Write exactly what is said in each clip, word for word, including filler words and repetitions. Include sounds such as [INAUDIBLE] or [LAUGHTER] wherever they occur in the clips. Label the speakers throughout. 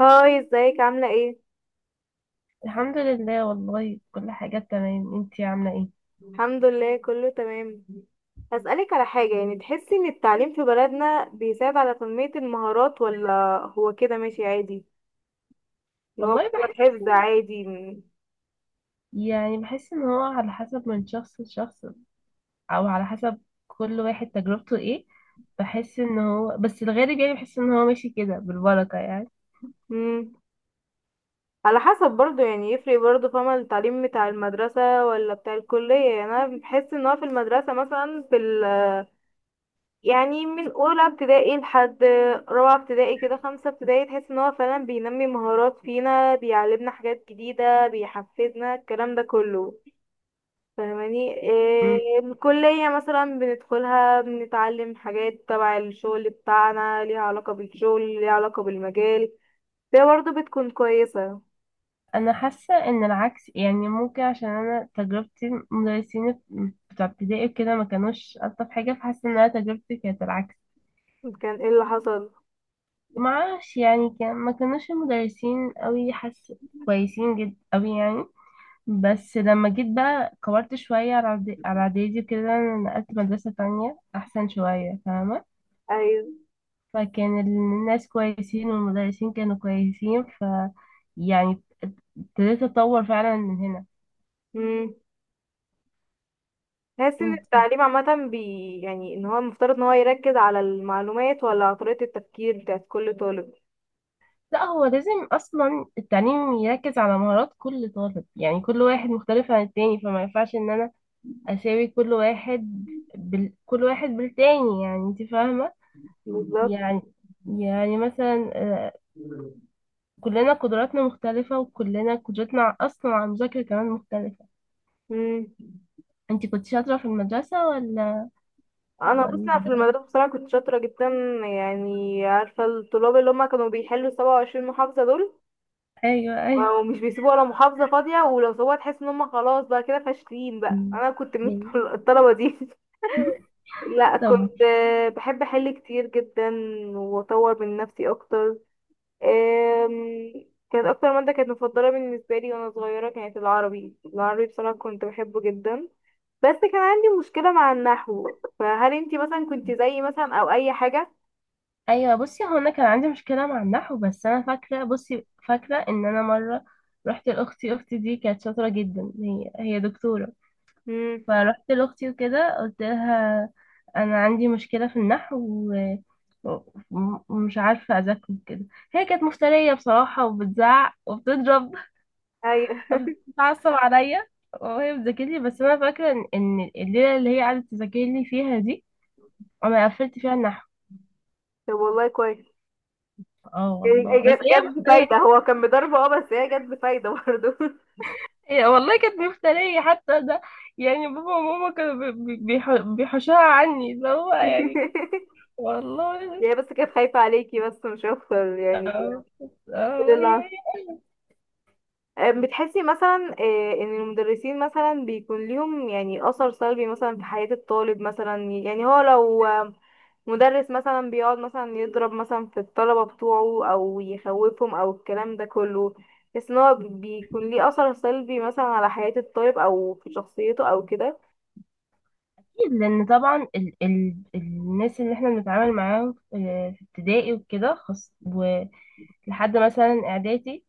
Speaker 1: هاي، ازيك؟ عاملة ايه؟
Speaker 2: الحمد لله، والله كل حاجة تمام. انتي عاملة ايه؟
Speaker 1: الحمد لله، كله تمام. هسألك على حاجة، يعني تحسي ان التعليم في بلدنا بيساعد على تنمية المهارات، ولا هو كده ماشي عادي؟ اللي هو
Speaker 2: والله
Speaker 1: مجرد
Speaker 2: بحس.
Speaker 1: حفظ عادي.
Speaker 2: يعني بحس ان هو على حسب من شخص لشخص، او على حسب كل واحد تجربته ايه. بحس ان هو بس الغالب، يعني بحس ان هو ماشي كده بالبركة يعني.
Speaker 1: مم. على حسب برضو، يعني يفرق برضو، فاهمة؟ التعليم بتاع المدرسة ولا بتاع الكلية؟ يعني انا بحس ان هو في المدرسة مثلا، في، يعني من اولى ابتدائي لحد رابعه ابتدائي كده، خمسه ابتدائي، تحس ان هو فعلا بينمي مهارات فينا، بيعلمنا حاجات جديده، بيحفزنا، الكلام ده كله. فاهماني
Speaker 2: مم.
Speaker 1: إيه؟ الكليه مثلا بندخلها، بنتعلم حاجات تبع الشغل بتاعنا، ليها علاقه بالشغل، ليها علاقه بالمجال، فهي برضه بتكون كويسه.
Speaker 2: انا حاسة ان العكس، يعني ممكن عشان انا تجربتي مدرسين بتوع ابتدائي كده ما كانوش الطف حاجة، فحاسة ان انا تجربتي كانت العكس.
Speaker 1: كان ايه اللي حصل؟
Speaker 2: معرفش، يعني كان ما كانوش المدرسين قوي، حاسة كويسين جدا قوي يعني. بس لما جيت بقى كبرت شوية على إعد- على إعدادي وكده، نقلت مدرسة تانية أحسن شوية، فاهمة.
Speaker 1: ايوه.
Speaker 2: فكان الناس كويسين والمدرسين كانوا كويسين، ف يعني ابتديت أتطور فعلا من هنا.
Speaker 1: امم. تحس ان
Speaker 2: انتي؟
Speaker 1: التعليم عامة بي يعني ان هو المفترض ان هو يركز على المعلومات ولا على طريقة التفكير بتاعت كل طالب؟
Speaker 2: لا، هو لازم أصلا التعليم يركز على مهارات كل طالب، يعني كل واحد مختلف عن التاني، فما ينفعش إن أنا أساوي كل واحد بال... كل واحد بالتاني، يعني أنت فاهمة.
Speaker 1: بالظبط.
Speaker 2: يعني يعني مثلا، آه، كلنا قدراتنا مختلفة وكلنا قدرتنا أصلا على المذاكرة كمان مختلفة.
Speaker 1: مم.
Speaker 2: أنت كنت شاطرة في المدرسة ولا؟
Speaker 1: انا بص،
Speaker 2: ولا؟
Speaker 1: أنا في المدرسه بصراحه كنت شاطره جدا، يعني عارفه الطلاب اللي هم كانوا بيحلوا سبع وعشرين محافظه دول
Speaker 2: أيوه، أيوه.
Speaker 1: ومش بيسيبوا ولا محافظه فاضيه، ولو سووها تحس ان هم خلاص بقى كده فاشلين. بقى
Speaker 2: مم.
Speaker 1: انا كنت من
Speaker 2: مم.
Speaker 1: الطلبه دي. [LAUGHS] لا،
Speaker 2: طب،
Speaker 1: كنت، آه، بحب احل كتير جدا واطور من نفسي اكتر. آم، كانت اكتر ماده كانت مفضله بالنسبه لي وانا صغيره كانت العربي. العربي بصراحه كنت بحبه جدا، بس كان عندي مشكلة مع النحو. فهل انتي مثلا كنتي زيي مثلا او اي حاجة؟
Speaker 2: أيوه، بصي، هو أنا كان عندي مشكلة مع النحو. بس أنا فاكرة، بصي فاكرة إن أنا مرة رحت لأختي، أختي دي كانت شاطرة جدا، هي هي دكتورة.
Speaker 1: امم.
Speaker 2: فرحت لأختي وكده قلت لها: أنا عندي مشكلة في النحو، و... و- ومش عارفة أذاكره كده. هي كانت مفترية بصراحة، وبتزعق وبتضرب،
Speaker 1: ايوه.
Speaker 2: بتعصب عليا وهي بتذاكر لي. بس انا فاكره ان إن الليله اللي هي قعدت تذاكر لي فيها دي انا قفلت فيها النحو.
Speaker 1: طب والله كويس.
Speaker 2: اه والله،
Speaker 1: يعني
Speaker 2: بس
Speaker 1: جت
Speaker 2: هي
Speaker 1: جت بفايدة.
Speaker 2: مفترية.
Speaker 1: هو كان بضربه، اه، بس هي جت بفايدة برضه.
Speaker 2: هي والله كانت مفترية حتى ده، يعني بابا وماما كانوا بي- بي- بيح- بيحوشوها عني، اللي هو يعني
Speaker 1: [LAUGHS]
Speaker 2: والله.
Speaker 1: يعني بس كانت خايفة عليكي، بس مش اكتر يعني.
Speaker 2: اه،
Speaker 1: كل
Speaker 2: اه،
Speaker 1: اللي
Speaker 2: هي
Speaker 1: حصل.
Speaker 2: هي
Speaker 1: أم، بتحسي مثلا، آه، ان المدرسين مثلا بيكون ليهم يعني اثر سلبي مثلا في حياة الطالب مثلا؟ يعني هو لو مدرس مثلا بيقعد مثلا يضرب مثلا في الطلبة بتوعه، او يخوفهم، او الكلام ده كله، بس ان هو بيكون ليه اثر سلبي مثلا على حياة الطالب او في شخصيته او كده.
Speaker 2: أكيد، لأن طبعا ال ال الناس اللي احنا بنتعامل معاهم في في ابتدائي وكده خاص، ولحد مثلا إعدادي،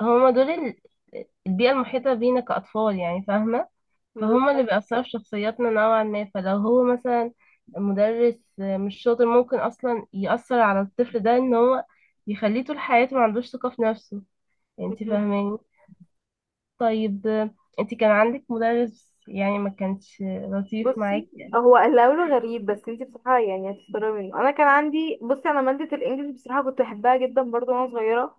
Speaker 2: هما دول ال- البيئة المحيطة بينا كأطفال، يعني فاهمة. فهما اللي
Speaker 1: [LAUGHS]
Speaker 2: بيأثروا في شخصياتنا نوعا ما. فلو هو مثلا مدرس مش شاطر، ممكن أصلا يأثر على الطفل ده إن هو يخليه طول حياته ما عندوش ثقة في نفسه، انت
Speaker 1: مم.
Speaker 2: فاهماني. طيب، انت كان عندك مدرس يعني ما كانش لطيف
Speaker 1: بصي،
Speaker 2: معاك؟
Speaker 1: هو اللي هقوله غريب بس انتي بصراحة يعني هتستغربي منه. انا كان عندي، بصي، انا مادة الانجليش بصراحة كنت بحبها جدا برضو وانا صغيرة.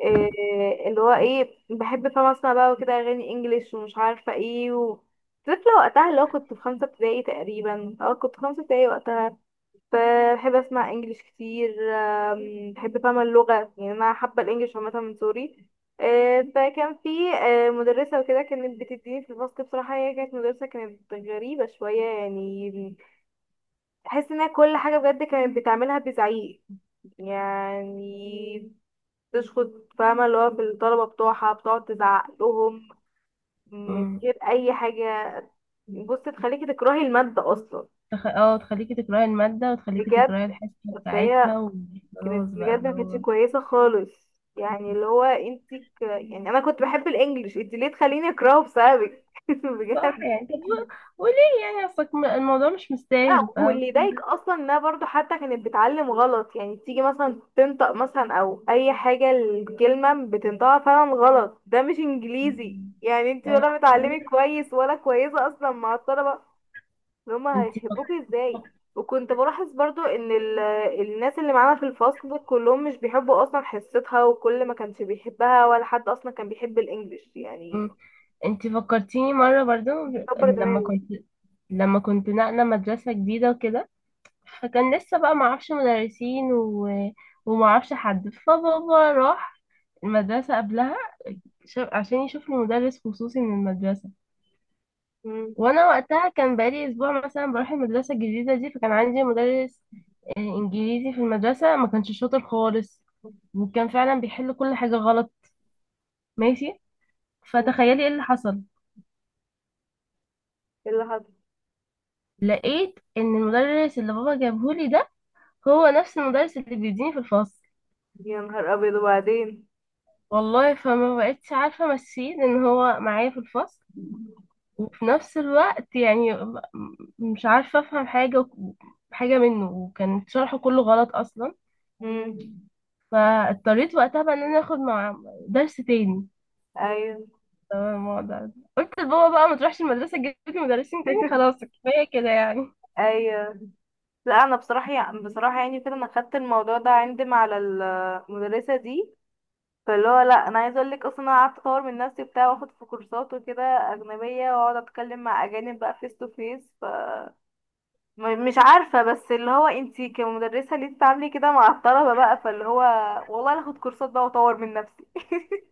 Speaker 1: إيه اللي هو، ايه، بحب فاهمة اسمع بقى وكده اغاني انجليش ومش عارفة ايه و... طفلة وقتها، اللي هو كنت في خمسة ابتدائي تقريبا، اه كنت في خمسة ابتدائي وقتها. بحب اسمع انجليش كتير. آم، بحب فاهمة اللغة، يعني انا حابة الانجليش عامة من سوري. آه، فكان في، آه، مدرسة وكده كانت بتديني في الفصل. بصراحة هي كانت مدرسة كانت غريبة شوية، يعني تحس انها كل حاجة بجد كانت بتعملها بزعيق، يعني تشخط، فاهمة؟ اللي هو في الطلبة بتوعها بتقعد تزعق لهم من
Speaker 2: أمم،
Speaker 1: غير أي حاجة. بص، تخليكي تكرهي المادة أصلا.
Speaker 2: تخ... اه، تخليكي تكرهي المادة، وتخليكي
Speaker 1: بجد.
Speaker 2: تكرهي الحصة
Speaker 1: فهي
Speaker 2: بتاعتها وخلاص
Speaker 1: كانت
Speaker 2: بقى،
Speaker 1: بجد
Speaker 2: اللي
Speaker 1: ما كانتش
Speaker 2: هو
Speaker 1: كويسه خالص. يعني اللي هو انت ك... يعني انا كنت بحب الانجليش، انت ليه تخليني اكرهه بسببك؟ [LAUGHS]
Speaker 2: صح
Speaker 1: بجد.
Speaker 2: يعني. طب و- وليه؟ يعني اصلك م- الموضوع مش
Speaker 1: لا،
Speaker 2: مستاهل، فاهم.
Speaker 1: واللي يضايق اصلا انها برضو حتى كانت بتعلم غلط. يعني تيجي مثلا تنطق مثلا او اي حاجه الكلمه بتنطقها فعلا غلط، ده مش انجليزي. يعني انت
Speaker 2: يعني
Speaker 1: ولا بتعلمي كويس ولا كويسه اصلا مع الطلبه ان هما
Speaker 2: انت
Speaker 1: هيحبوكي ازاي؟
Speaker 2: فك-
Speaker 1: وكنت بلاحظ برضو ان ال- الناس اللي معانا في الفصل كلهم مش بيحبوا اصلا حصتها، وكل ما كانش بيحبها، ولا حد اصلا كان بيحب الانجليش
Speaker 2: مم.
Speaker 1: يعني.
Speaker 2: انت فكرتيني مرة برضو،
Speaker 1: بيكبر
Speaker 2: لما
Speaker 1: دماغي.
Speaker 2: كنت لما كنت نقلة مدرسة جديدة وكده، فكان لسه بقى معرفش مدرسين و... ومعرفش حد، فبابا راح المدرسة قبلها ش- عشان يشوف له مدرس خصوصي من المدرسة.
Speaker 1: مم.
Speaker 2: وانا وقتها كان بقالي اسبوع مثلا بروح المدرسه الجديده دي، فكان عندي مدرس آه، انجليزي في المدرسه، ما كانش شاطر خالص، وكان فعلا بيحل كل حاجه غلط، ماشي.
Speaker 1: مم.
Speaker 2: فتخيلي ايه اللي حصل.
Speaker 1: ايه اللي حصل؟
Speaker 2: لقيت ان المدرس اللي بابا جابهولي ده هو نفس المدرس اللي بيديني في الفصل.
Speaker 1: يا نهار ابيض، وبعدين؟
Speaker 2: والله، فما بقتش عارفه امشيه ان هو معايا في الفصل وفي نفس الوقت، يعني م- مش عارفه افهم حاجه حاجه منه، وكان شرحه كله غلط اصلا.
Speaker 1: مم.
Speaker 2: فاضطريت وقتها بقى ان انا اخد مع درس تاني.
Speaker 1: ايوه.
Speaker 2: تمام، الموضوع ده قلت لبابا بقى ما تروحش المدرسة تجيب لي مدرسين تاني،
Speaker 1: [LAUGHS]
Speaker 2: خلاص كفاية كده يعني.
Speaker 1: ايوه. لا انا بصراحه يعني، بصراحه يعني كده انا خدت الموضوع ده عندي مع ال- المدرسه دي. فاللي هو لا، انا عايزه اقول لك اصلا انا قعدت اطور من نفسي، بتاع واخد في كورسات وكده اجنبيه، واقعد اتكلم مع اجانب بقى فيس تو فيس. ف، م- مش عارفه، بس اللي هو انتي كمدرسه ليه بتتعاملي كده مع الطلبه بقى؟ فاللي هو والله أنا اخد كورسات بقى واطور من نفسي. [LAUGHS]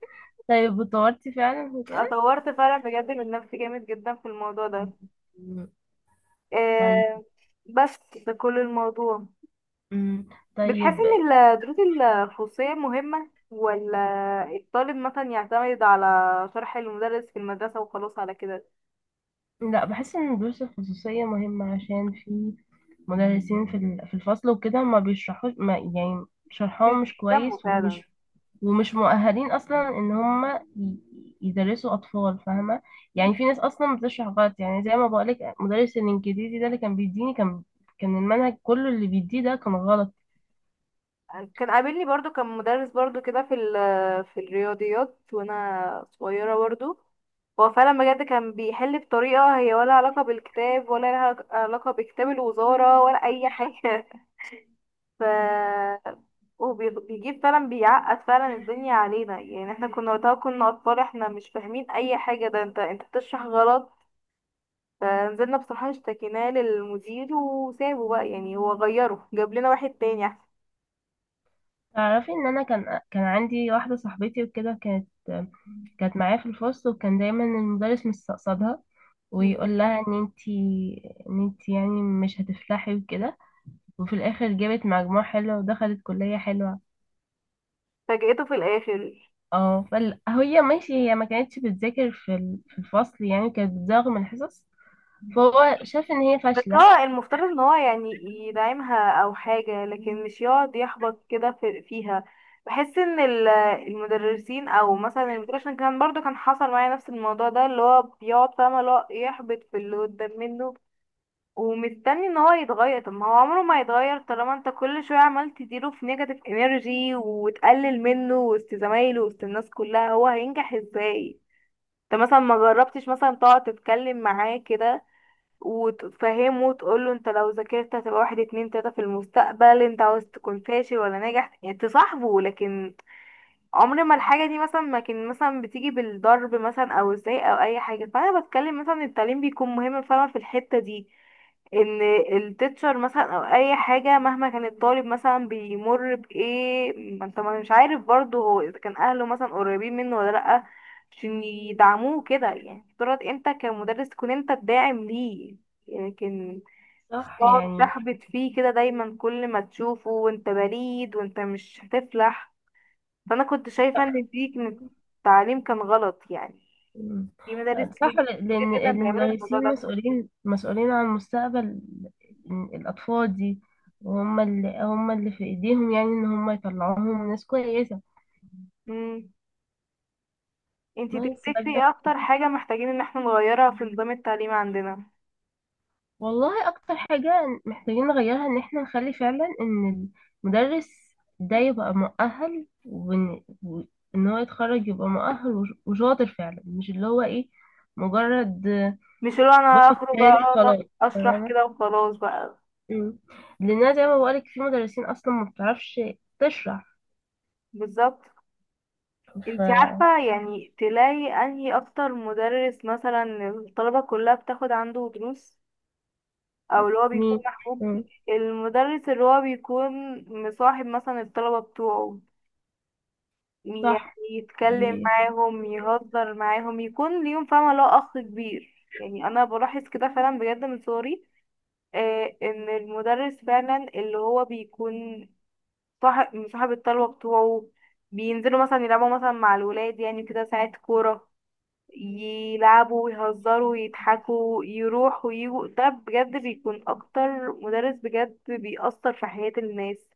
Speaker 2: طيب، اتطورتي فعلا وكده؟
Speaker 1: اتطورت فعلا بجد من نفسي جامد جدا في الموضوع ده.
Speaker 2: طيب.
Speaker 1: إيه. بس. ده كل الموضوع.
Speaker 2: أمم،
Speaker 1: بتحسي
Speaker 2: طيب.
Speaker 1: ان الدروس الخصوصيه مهمه، ولا الطالب مثلا يعتمد على شرح المدرس في المدرسه وخلاص على كده؟
Speaker 2: لا، بحس ان الدروس الخصوصية مهمة، عشان في مدرسين في ال- في الفصل وكده ما بيشرحوش، ما يعني
Speaker 1: مش
Speaker 2: شرحهم مش
Speaker 1: بيهتموا
Speaker 2: كويس،
Speaker 1: فعلا.
Speaker 2: ومش ومش مؤهلين اصلا ان هم ي- يدرسوا اطفال، فاهمه. يعني في ناس اصلا بتشرح غلط، يعني زي ما بقولك، مدرس الانجليزي ده اللي كان بيديني، كان كان المنهج كله اللي بيديه ده كان غلط.
Speaker 1: كان قابلني برضو كان مدرس برضو كده في ال- في الرياضيات وانا صغيرة برضو. هو فعلا بجد كان بيحل بطريقة هي ولا علاقة بالكتاب ولا لها علاقة بكتاب الوزارة ولا أي حاجة. [LAUGHS] ف، وبيجيب فعلا، بيعقد فعلا الدنيا علينا. يعني احنا كنا وقتها كنا أطفال، احنا مش فاهمين أي حاجة، ده انت انت بتشرح غلط. فنزلنا بصراحة اشتكيناه للمدير وسابه بقى، يعني هو غيره، جاب لنا واحد تاني أحسن.
Speaker 2: تعرفي ان انا كان كان عندي واحده صاحبتي وكده، كانت كانت معايا في الفصل، وكان دايما المدرس مستقصدها
Speaker 1: مم.
Speaker 2: ويقول لها ان انتي ان انتي يعني مش هتفلحي وكده، وفي الاخر جابت مجموع حلو ودخلت كليه حلوه.
Speaker 1: فاجأته في الآخر.
Speaker 2: اه، فال... هي ماشي، هي ما كانتش بتذاكر في ال- في الفصل، يعني كانت بتزاغ من الحصص، فهو شاف ان هي
Speaker 1: بس
Speaker 2: فاشلة.
Speaker 1: هو المفترض ان هو يعني يدعمها او حاجة، لكن مش يقعد يحبط كده في فيها. بحس ان ال- المدرسين او مثلا المدير، عشان كان برضو كان حصل معايا نفس الموضوع ده، اللي هو بيقعد فاهمة اللي هو يحبط في اللي قدام منه، ومستني ان هو يتغير. طب ما هو عمره ما يتغير طالما انت كل شوية عمال تديله في نيجاتيف انرجي، وتقلل منه وسط زمايله وسط الناس كلها، هو هينجح ازاي؟ انت مثلا ما جربتش مثلا تقعد تتكلم معاه كده وتفهمه وتقول له انت لو ذاكرت هتبقى واحد اتنين تلاتة في المستقبل، انت عاوز تكون فاشل ولا ناجح؟ يعني تصاحبه. لكن عمر ما الحاجة دي مثلا ما كان مثلا بتيجي بالضرب مثلا او ازاي او اي حاجة. فانا بتكلم مثلا التعليم بيكون مهم فعلا في الحتة دي، ان التيتشر مثلا او اي حاجه مهما كان الطالب مثلا بيمر بايه، ما انت ما مش عارف برضه هو اذا كان اهله مثلا قريبين منه ولا لا، عشان يدعموه كده. يعني افترض انت كمدرس تكون انت الداعم ليه، لكن مش
Speaker 2: صح
Speaker 1: تقعد
Speaker 2: يعني.
Speaker 1: تحبط فيه كده دايما كل ما تشوفه، وانت بليد وانت مش هتفلح. فانا كنت شايفه ان دي كانت- التعليم كان غلط يعني.
Speaker 2: مم.
Speaker 1: في مدارس
Speaker 2: صح،
Speaker 1: كتير
Speaker 2: ل-
Speaker 1: كتير
Speaker 2: لان
Speaker 1: جدا بيعملوا الموضوع
Speaker 2: المدرسين مسؤولين مسؤولين عن مستقبل الاطفال دي، وهم اللي هم اللي في ايديهم، يعني ان هم يطلعوهم ناس كويسة.
Speaker 1: ده. انتي
Speaker 2: بس
Speaker 1: تفتكري ايه اكتر حاجة محتاجين ان احنا نغيرها في نظام التعليم عندنا؟
Speaker 2: والله اكتر حاجة محتاجين نغيرها ان احنا نخلي فعلا ان المدرس ده يبقى مؤهل، وان وإن هو يتخرج يبقى مؤهل، وش- وشاطر فعلا، مش اللي هو ايه، مجرد
Speaker 1: مش اللي هو انا
Speaker 2: واخد
Speaker 1: اخرج
Speaker 2: شهادة
Speaker 1: اقعد
Speaker 2: خلاص،
Speaker 1: اشرح
Speaker 2: فاهمة.
Speaker 1: كده وخلاص بقى.
Speaker 2: أمم. لان زي ما بقولك في مدرسين اصلا ما بتعرفش تشرح.
Speaker 1: بالظبط.
Speaker 2: ف،
Speaker 1: انتي عارفة يعني تلاقي انهي اكتر مدرس مثلا الطلبة كلها بتاخد عنده دروس، او اللي هو بيكون
Speaker 2: مين؟
Speaker 1: محبوب؟
Speaker 2: أمم.
Speaker 1: المدرس اللي هو بيكون مصاحب مثلا الطلبة بتوعه، يعني
Speaker 2: صح.
Speaker 1: يتكلم
Speaker 2: دي
Speaker 1: معاهم، يهزر معاهم، يكون ليهم فاهمة لو اخ كبير. يعني انا بلاحظ كده فعلا بجد من صغري، آه، ان المدرس فعلا اللي هو بيكون صاحب مصاحب الطلبة بتوعه، بينزلوا مثلا يلعبوا مثلا مع الولاد يعني كده ساعات كورة، يلعبوا ويهزروا ويضحكوا، يروحوا ويجوا، ده بجد بيكون اكتر مدرس بجد بيأثر في حياة الناس.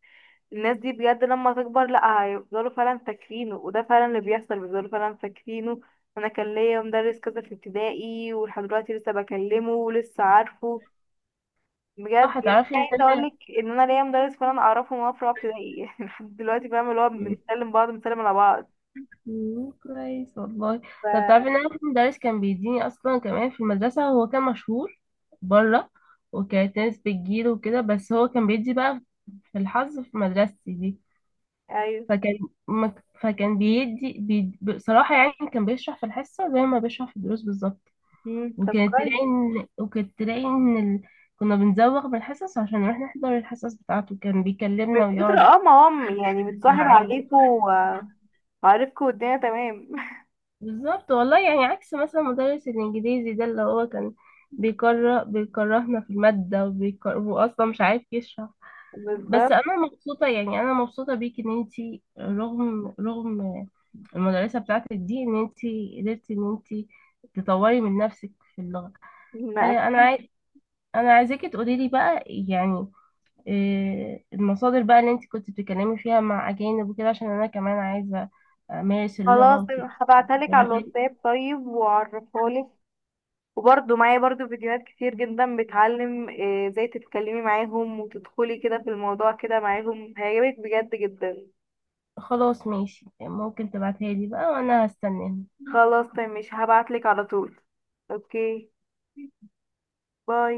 Speaker 1: الناس دي بجد لما تكبر لا هيفضلوا فعلا فاكرينه، وده فعلا اللي بيحصل، بيفضلوا فعلا فاكرينه. انا كان ليا مدرس كذا في ابتدائي ولحد دلوقتي لسه بكلمه ولسه عارفه. بجد،
Speaker 2: صح،
Speaker 1: يعني
Speaker 2: تعرفي ان
Speaker 1: عايزه اقول
Speaker 2: انا
Speaker 1: لك ان انا ليا مدرس كنا نعرفه من وانا في رابعه ابتدائي، [LAUGHS] يعني لحد دلوقتي، فاهم؟ اللي هو بنسلم بعض، بنسلم على بعض.
Speaker 2: مم، كويس والله. طب
Speaker 1: ف،
Speaker 2: تعرفي ان انا في مدرس كان بيديني اصلا كمان في المدرسه، هو كان مشهور بره، وكانت ناس بتجيله وكده، بس هو كان بيدي بقى في الحظ في مدرستي دي.
Speaker 1: ايوه.
Speaker 2: فكان ما- فكان بيدي بي- بصراحه يعني كان بيشرح في الحصه زي ما بيشرح في الدروس بالظبط.
Speaker 1: مم. طب
Speaker 2: وكانت
Speaker 1: كويس.
Speaker 2: تلاقي ان وكانت تلاقي ان ال... كنا بنزوغ من الحصص عشان نروح نحضر الحصص بتاعته، كان
Speaker 1: من
Speaker 2: بيكلمنا
Speaker 1: كتر،
Speaker 2: ويقعد
Speaker 1: اه، ما هم يعني بتصاحب
Speaker 2: يراعينا.
Speaker 1: عليكوا و- وعارفكوا والدنيا تمام. [LAUGHS]
Speaker 2: بالظبط والله، يعني عكس مثلا مدرس الانجليزي ده اللي هو كان بيكره بيكرهنا في المادة، وبيكره، واصلا مش عارف يشرح. بس
Speaker 1: بالظبط.
Speaker 2: انا مبسوطة يعني انا مبسوطة بيك، ان انتي رغم رغم المدرسة بتاعتك دي ان انتي قدرتي ان انتي تطوري من نفسك في اللغة.
Speaker 1: ما
Speaker 2: آه، انا
Speaker 1: اكيد.
Speaker 2: عايز انا عايزاكي تقولي لي بقى يعني، آه، المصادر بقى اللي انتي كنت بتتكلمي فيها مع اجانب وكده، عشان انا كمان عايزة امارس اللغة
Speaker 1: خلاص
Speaker 2: وكده.
Speaker 1: هبعتها لك على الواتساب طيب، وعرفها لك، وبرضه معايا برضه فيديوهات كتير جدا بتعلم، آه، ازاي تتكلمي معاهم وتدخلي كده في الموضوع كده معاهم. هيعجبك بجد جدا.
Speaker 2: خلاص، ماشي، ممكن تبعتها لي بقى وانا هستناها.
Speaker 1: خلاص طيب، ماشي، هبعتلك على طول. اوكي. باي.